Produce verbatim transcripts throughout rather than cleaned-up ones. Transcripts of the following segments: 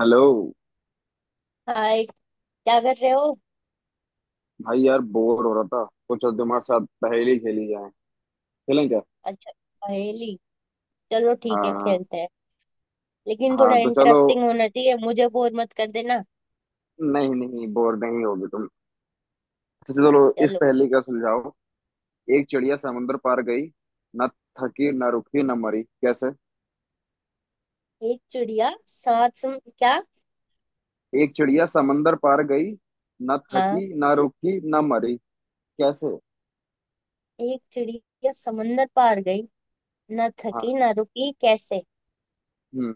Hello. Hi, क्या कर रहे हो? भाई यार बोर हो रहा था। कुछ तुम्हारे साथ पहेली खेली जाए, खेलें क्या? अच्छा, पहेली। चलो ठीक है, हाँ। खेलते हैं। लेकिन थोड़ा हाँ तो चलो। इंटरेस्टिंग होना चाहिए, मुझे बोर मत कर देना। नहीं नहीं, बोर नहीं होगे तुम। तो चलो, इस चलो। पहेली का सुलझाओ। एक चिड़िया समंदर पार गई, न थकी न रुकी न मरी, कैसे? एक चिड़िया सात सम... क्या? एक चिड़िया समंदर पार गई, न हाँ। थकी न रुकी न मरी, कैसे? एक चिड़िया समंदर पार गई, ना थकी हाँ। ना रुकी, कैसे? हम्म।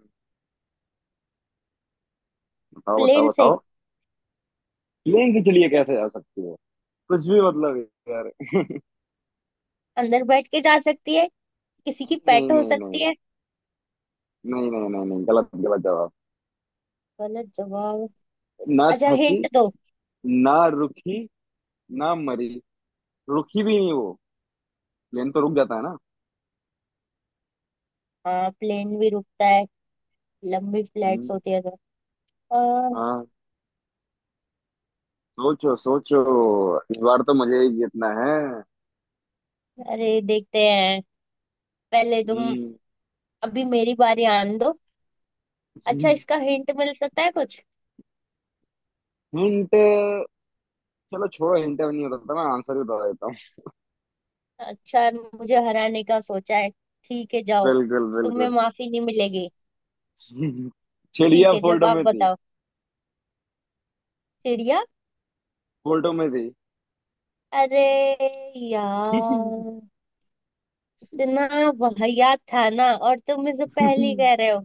बताओ प्लेन बताओ से। बताओ। प्लेन की चिड़िया कैसे जा सकती है? कुछ भी मतलब है यार। अंदर बैठ के जा सकती है। किसी की नहीं पेट हो नहीं नहीं सकती है। नहीं नहीं नहीं नहीं नहीं, गलत गलत जवाब। गलत जवाब। न अच्छा, थकी, हिंट दो। ना रुकी, ना मरी। रुकी भी नहीं वो, प्लेन तो रुक जाता है ना। हाँ, प्लेन भी रुकता है। लंबी फ्लाइट्स हम्म। होती है तो। आ, हाँ, सोचो सोचो, इस बार तो मुझे ही जीतना है। अरे, देखते हैं। पहले तुम। हम्म। अभी मेरी बारी आने दो। अच्छा, इसका हिंट मिल सकता है कुछ? हिंट। चलो छोड़ो, हिंट नहीं होता था, मैं आंसर ही बता देता हूँ। अच्छा, मुझे हराने का सोचा है। ठीक है, जाओ। बिल्कुल तुम्हें बिल्कुल। माफी नहीं मिलेगी। ठीक चिड़िया है, फोटो जवाब में थी। बताओ। चिड़िया। फोटो में थी। अरे यार, इतना वाहियात था ना, और तुम इसे पहेली कह रहे हो।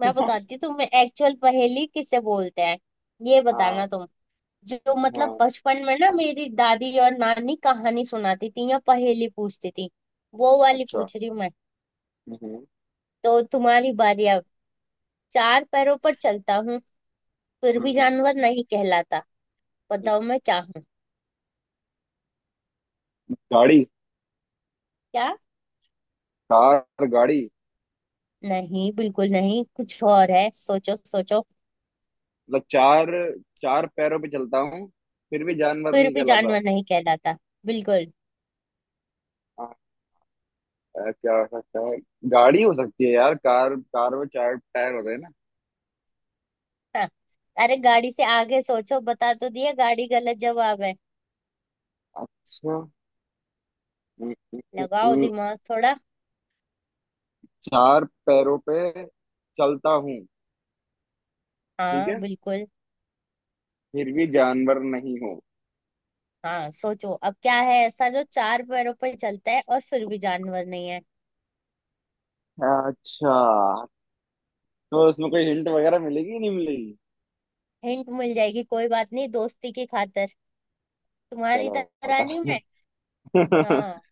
मैं बताती हूँ तुम्हें एक्चुअल पहेली किसे बोलते हैं। ये हाँ। बताना तुम। जो मतलब हाँ। बचपन में ना मेरी दादी और नानी कहानी सुनाती थी या पहेली पूछती थी, वो वाली अच्छा। पूछ रही हूँ मैं। हम्म, तो तुम्हारी बारी। चार पैरों पर चलता हूँ, फिर भी हम्म, जानवर नहीं कहलाता। हम्म। बताओ मैं क्या हूँ? गाड़ी। क्या? कार गाड़ी। नहीं, बिल्कुल नहीं, कुछ और है। सोचो सोचो। मतलब चार, चार पैरों पे चलता हूँ, फिर भी जानवर फिर नहीं भी कहलाता। जानवर नहीं कहलाता। बिल्कुल। आ, आ, क्या हो सकता है? गाड़ी हो सकती है यार, कार कार में चार टायर होते हैं ना। हाँ। अरे, गाड़ी से आगे सोचो। बता तो दिया, गाड़ी गलत जवाब है। अच्छा। हम्म, हम्म, हम्म, लगाओ हम्म। दिमाग थोड़ा। चार पैरों पे चलता हूँ, ठीक हाँ है। बिल्कुल। फिर भी जानवर नहीं हूँ। हाँ, सोचो अब क्या है ऐसा जो चार पैरों पर चलता है और फिर भी जानवर नहीं है? अच्छा, तो इसमें कोई हिंट वगैरह मिलेगी नहीं मिलेगी? हिंट मिल जाएगी, कोई बात नहीं, दोस्ती की खातिर। तुम्हारी चलो, तरह नहीं मैं। बताओ। हाँ।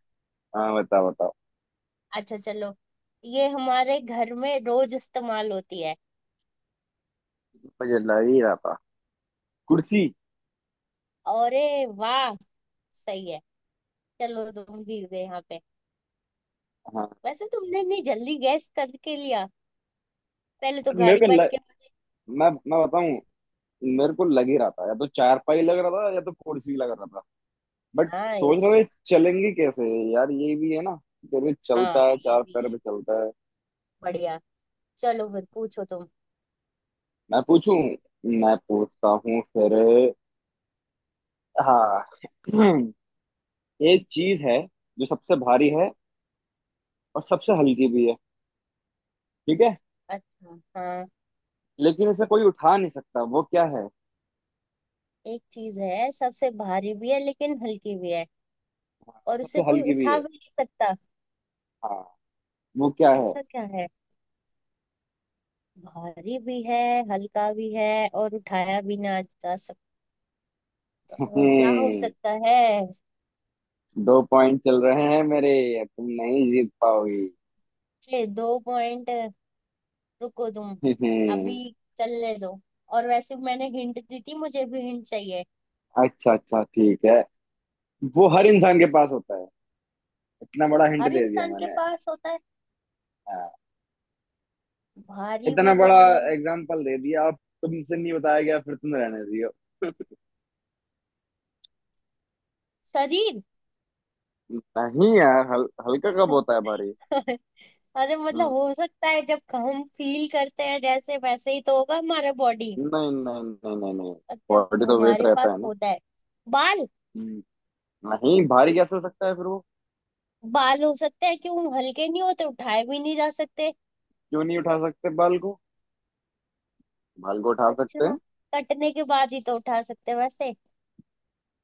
हाँ, बताओ बताओ। अच्छा चलो। ये हमारे घर में रोज इस्तेमाल होती है। मुझे लग ही रहा था, कुर्सी। अरे, वाह, सही है। चलो, तुम जीत गए यहाँ पे। हाँ। वैसे तुमने इतनी जल्दी गैस करके लिया। पहले तो मेरे गाड़ी को पट ल... के। मैं मैं बताऊं? मेरे को लग ही रहा था, या तो चारपाई लग रहा था या तो कुर्सी लग रहा था। बट हाँ, सोच इस। रहा था, ये चलेंगे कैसे? यार, ये भी है ना, फिर भी हाँ, चलता है, ये चार भी पैर है। पे चलता है। बढ़िया। चलो फिर पूछो तुम। मैं पूछूं? मैं पूछता हूँ फिर। हाँ। एक चीज है, जो सबसे भारी है और सबसे हल्की भी है, ठीक है? अच्छा, हाँ। लेकिन इसे कोई उठा नहीं सकता, वो क्या है? एक चीज है सबसे भारी भी है लेकिन हल्की भी है। हाँ, और और उसे सबसे कोई हल्की भी उठा है। भी नहीं सकता। हाँ, वो क्या है? ऐसा क्या है? भारी भी है, हल्का भी है, और उठाया भी ना जा सकता। क्या हो हम्म, सकता है? दो पॉइंट चल रहे हैं मेरे, तुम नहीं जीत पाओगी। ये दो पॉइंट। रुको तुम। अभी हम्म, चलने दो। और वैसे मैंने हिंट दी थी, मुझे भी हिंट चाहिए। अच्छा अच्छा, ठीक है। वो हर इंसान के पास होता है, इतना बड़ा हिंट हर दे दिया इंसान के मैंने। पास होता है। हाँ, भारी भी इतना बड़ा है। एग्जाम्पल दे दिया, अब तुमसे नहीं बताया गया फिर तुम रहने दियो। शरीर। नहीं यार, हल, हल्का कब होता है भारी? अरे मतलब हम्म, हो सकता है, जब हम फील करते हैं जैसे, वैसे ही तो होगा हमारा बॉडी। नहीं नहीं नहीं नहीं नहीं, अच्छा। बॉडी तो वेट हमारे रहता पास है ना। होता है। बाल। हम्म, नहीं, भारी कैसे हो सकता है फिर वो? बाल हो सकते हैं, क्यों हल्के नहीं होते, उठाए भी नहीं जा सकते। क्यों नहीं उठा सकते बाल को? बाल को उठा सकते अच्छा, हैं। कटने के बाद ही तो उठा सकते हैं वैसे।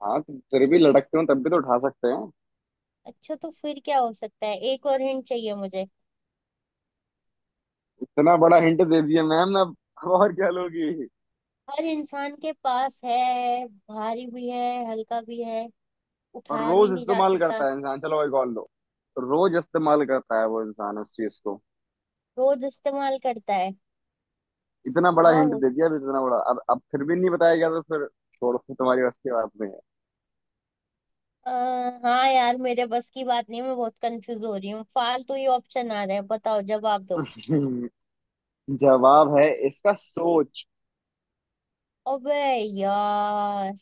हाँ तो फिर भी लटकते हो तब भी तो उठा सकते हैं। अच्छा तो फिर क्या हो सकता है, एक और हिंट चाहिए मुझे। इतना बड़ा हिंट दे दिया मैम। अब अब और क्या लोगी? हर इंसान के पास है, भारी भी है, हल्का भी है, और उठाया भी रोज नहीं जा इस्तेमाल सकता, करता है इंसान, चलो एक और लो। रोज इस्तेमाल करता है वो इंसान उस चीज को। रोज इस्तेमाल करता है। इतना बड़ा हाँ, हिंट वो। दे दिया, अब इतना बड़ा, अब अब फिर भी नहीं बताया गया तो फिर छोड़ो, फिर तुम्हारी बस की बात नहीं है। आ, हाँ यार, मेरे बस की बात नहीं, मैं बहुत कंफ्यूज हो रही हूँ, फालतू ही ऑप्शन आ रहे हैं। बताओ, जवाब दो। जवाब है इसका, सोच। अबे यार,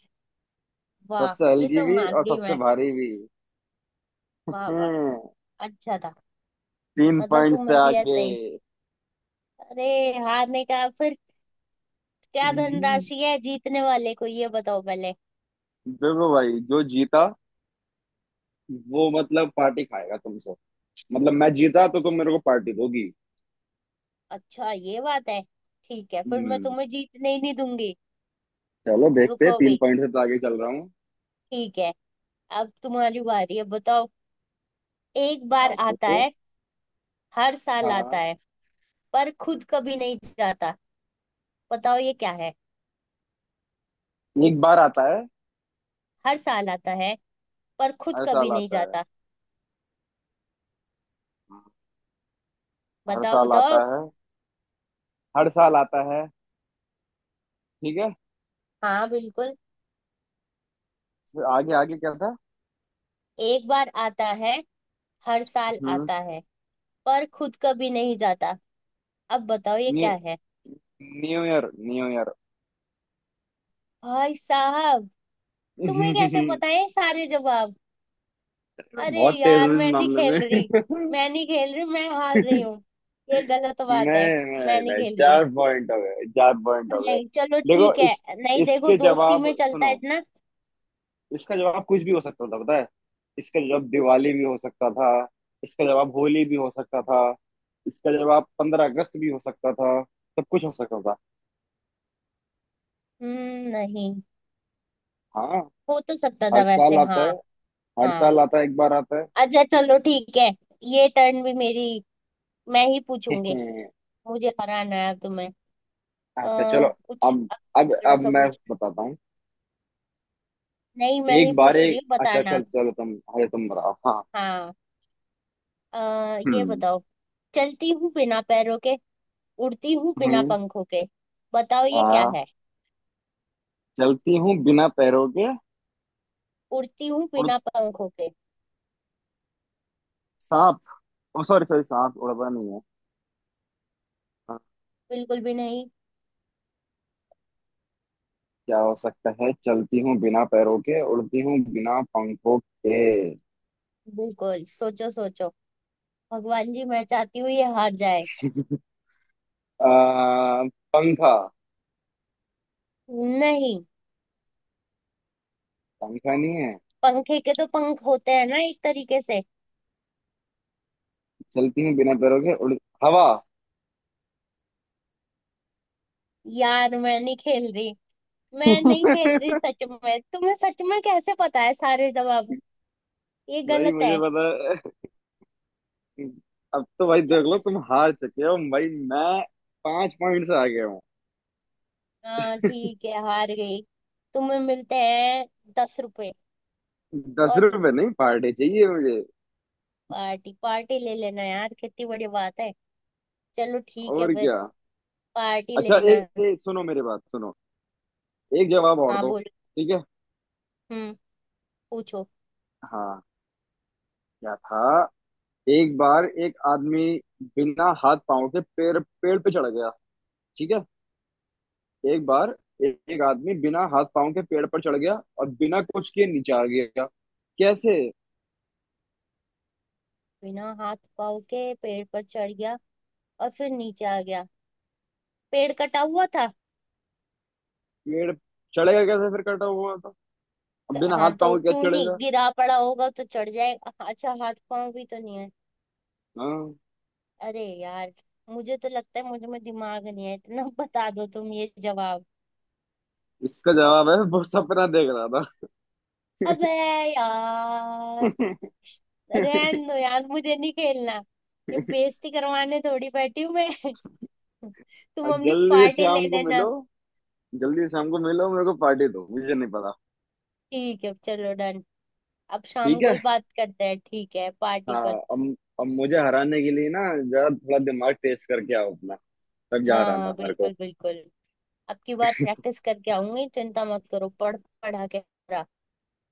वाह, सबसे ये हल्की तो भी मान और गई सबसे मैं। भारी भी वाह वाह। हैं। अच्छा था। तीन मतलब पॉइंट से तुम्हें भी आगे। ऐसे ही। अरे, हारने का फिर। क्या देखो धनराशि है जीतने वाले को, ये बताओ पहले। भाई, जो जीता वो मतलब पार्टी खाएगा तुमसे। मतलब मैं जीता तो तुम मेरे को पार्टी दोगी। अच्छा, ये बात है। ठीक है, फिर मैं हम्म। तुम्हें जीतने ही नहीं दूंगी। चलो देखते हैं, रुको भी। तीन पॉइंट से तो आगे चल रहा हूँ। ठीक है। अब तुम्हारी बारी है, बताओ। एक बार आपको आता तो। है, हर साल आता हाँ। है, पर खुद कभी नहीं जाता। बताओ ये क्या है? एक बार आता है, हर साल आता है, पर खुद हर कभी साल नहीं आता है। जाता। हाँ, हर बताओ साल बताओ। आता है। हर साल आता है, ठीक है। हाँ बिल्कुल। फिर आगे आगे क्या था? एक बार आता है, हर साल हम्म आता है, पर खुद कभी नहीं जाता। अब बताओ ये न्यू क्या है? New year, new year. भाई साहब, तुम्हें कैसे पता है ये सारे जवाब? अरे बहुत तेज यार, हूँ मैं इस नहीं मामले खेल रही। में। मैं नहीं खेल रही, मैं हार रही हूँ। ये गलत बात है। नहीं मैं नहीं नहीं नहीं, खेल रही। चार पॉइंट हो गए, चार पॉइंट हो गए। नहीं चलो देखो, ठीक इस है, नहीं देखो, इसके दोस्ती में जवाब चलता है सुनो। इतना। इसका जवाब कुछ भी हो सकता था, पता है। इसका जवाब दिवाली भी हो सकता था, इसका जवाब होली भी हो सकता था, इसका जवाब पंद्रह अगस्त भी हो सकता था, सब कुछ हो सकता था। हम्म, नहीं। हाँ। हो तो सकता था हर वैसे, साल आता हाँ। है, हर हाँ, साल आता है, एक बार आता है। अच्छा चलो ठीक है। ये टर्न भी मेरी, मैं ही पूछूंगी। मुझे हराना है अब तुम्हें। अच्छा आ, चलो। कुछ अब अब तगड़ा अब सा मैं पूछ। बताता हूँ। नहीं, मैं ही एक बार पूछ रही एक, हूँ, अच्छा बताना। चल, चलो तुम, अरे तुम बताओ। हाँ। हाँ। आ, ये हम्म। बताओ। चलती हूँ बिना पैरों के, उड़ती हूँ बिना हम्म पंखों के। बताओ ये क्या आ, है? चलती हूँ बिना पैरों के, उड़ती हूँ उड़ बिना पंखों के। सांप। ओ सॉरी सॉरी, सांप उड़ता नहीं है। हाँ, बिल्कुल भी नहीं। क्या हो सकता है? चलती हूँ बिना पैरों के, उड़ती हूँ बिना पंखों के। बिल्कुल, सोचो सोचो। भगवान जी, मैं चाहती हूँ ये हार जाए। आ, पंखा। नहीं। पंखा नहीं है। पंखे के तो पंख होते हैं ना एक तरीके से। चलती हूँ बिना पैरों के, उड़ हवा। यार, मैं नहीं खेल रही। मैं नहीं खेल रही, भाई, सच में तुम्हें सच में कैसे पता है सारे जवाब? ये गलत मुझे है। पता है। अब तो भाई देख लो, यार, तुम हार चुके हो भाई। मैं पांच पॉइंट से आगे हूँ। हाँ ठीक है, हार गई। तुम्हें मिलते हैं दस रुपए। दस और, रुपए नहीं, पार्टी चाहिए मुझे। पार्टी पार्टी ले लेना यार, कितनी बड़ी बात है। चलो ठीक है और फिर। क्या? पार्टी अच्छा लेना। एक ए, सुनो मेरी बात, सुनो। एक जवाब और हाँ, दो। बोलो। ठीक है। हम्म। पूछो। हाँ। क्या था? एक बार एक आदमी बिना हाथ पांव के पेड़ पेड़ पे चढ़ गया, ठीक है। एक बार ए, एक आदमी बिना हाथ पांव के पेड़ पर चढ़ गया और बिना कुछ किए नीचे आ गया, कैसे? बिना हाथ पाँव के पेड़ पर चढ़ गया और फिर नीचे आ गया। पेड़ कटा हुआ था। पेड़ चढ़ेगा कैसे फिर, कटा हुआ था? अब क- बिना हाथ हाँ तो पांव के क्यों कैसे नहीं, चढ़ेगा? गिरा पड़ा होगा तो चढ़ जाएगा, अच्छा हाथ पांव भी तो नहीं है। हाँ, अरे यार, मुझे तो लगता है मुझे में दिमाग नहीं है इतना। बता दो तुम ये जवाब। इसका जवाब है, वो सपना देख रहा था। अबे यार, रहन दो यार, मुझे नहीं खेलना। ये बेइज्जती करवाने थोड़ी बैठी हूँ मैं। तुम और अपनी जल्दी से पार्टी ले शाम को लेना। मिलो, जल्दी से शाम को मिलो, मेरे को पार्टी दो, मुझे नहीं पता। ठीक है, चलो डन। अब शाम ठीक को ही है। बात करते हैं, ठीक है, पार्टी हाँ। पर। अब अब मुझे हराने के लिए ना, जरा थोड़ा दिमाग टेस्ट करके आओ अपना। तब हाँ जा रहा हाँ ना मेरे बिल्कुल को। बिल्कुल। अब की बार प्रैक्टिस करके आऊंगी, चिंता मत करो, पढ़ पढ़ा के पूरा।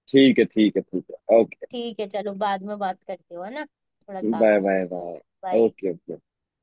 ठीक है, ठीक है, ठीक है, ओके। ठीक है, चलो बाद में बात करती हो है ना, थोड़ा काम बाय है। Bye bye. Bye. Okay okay.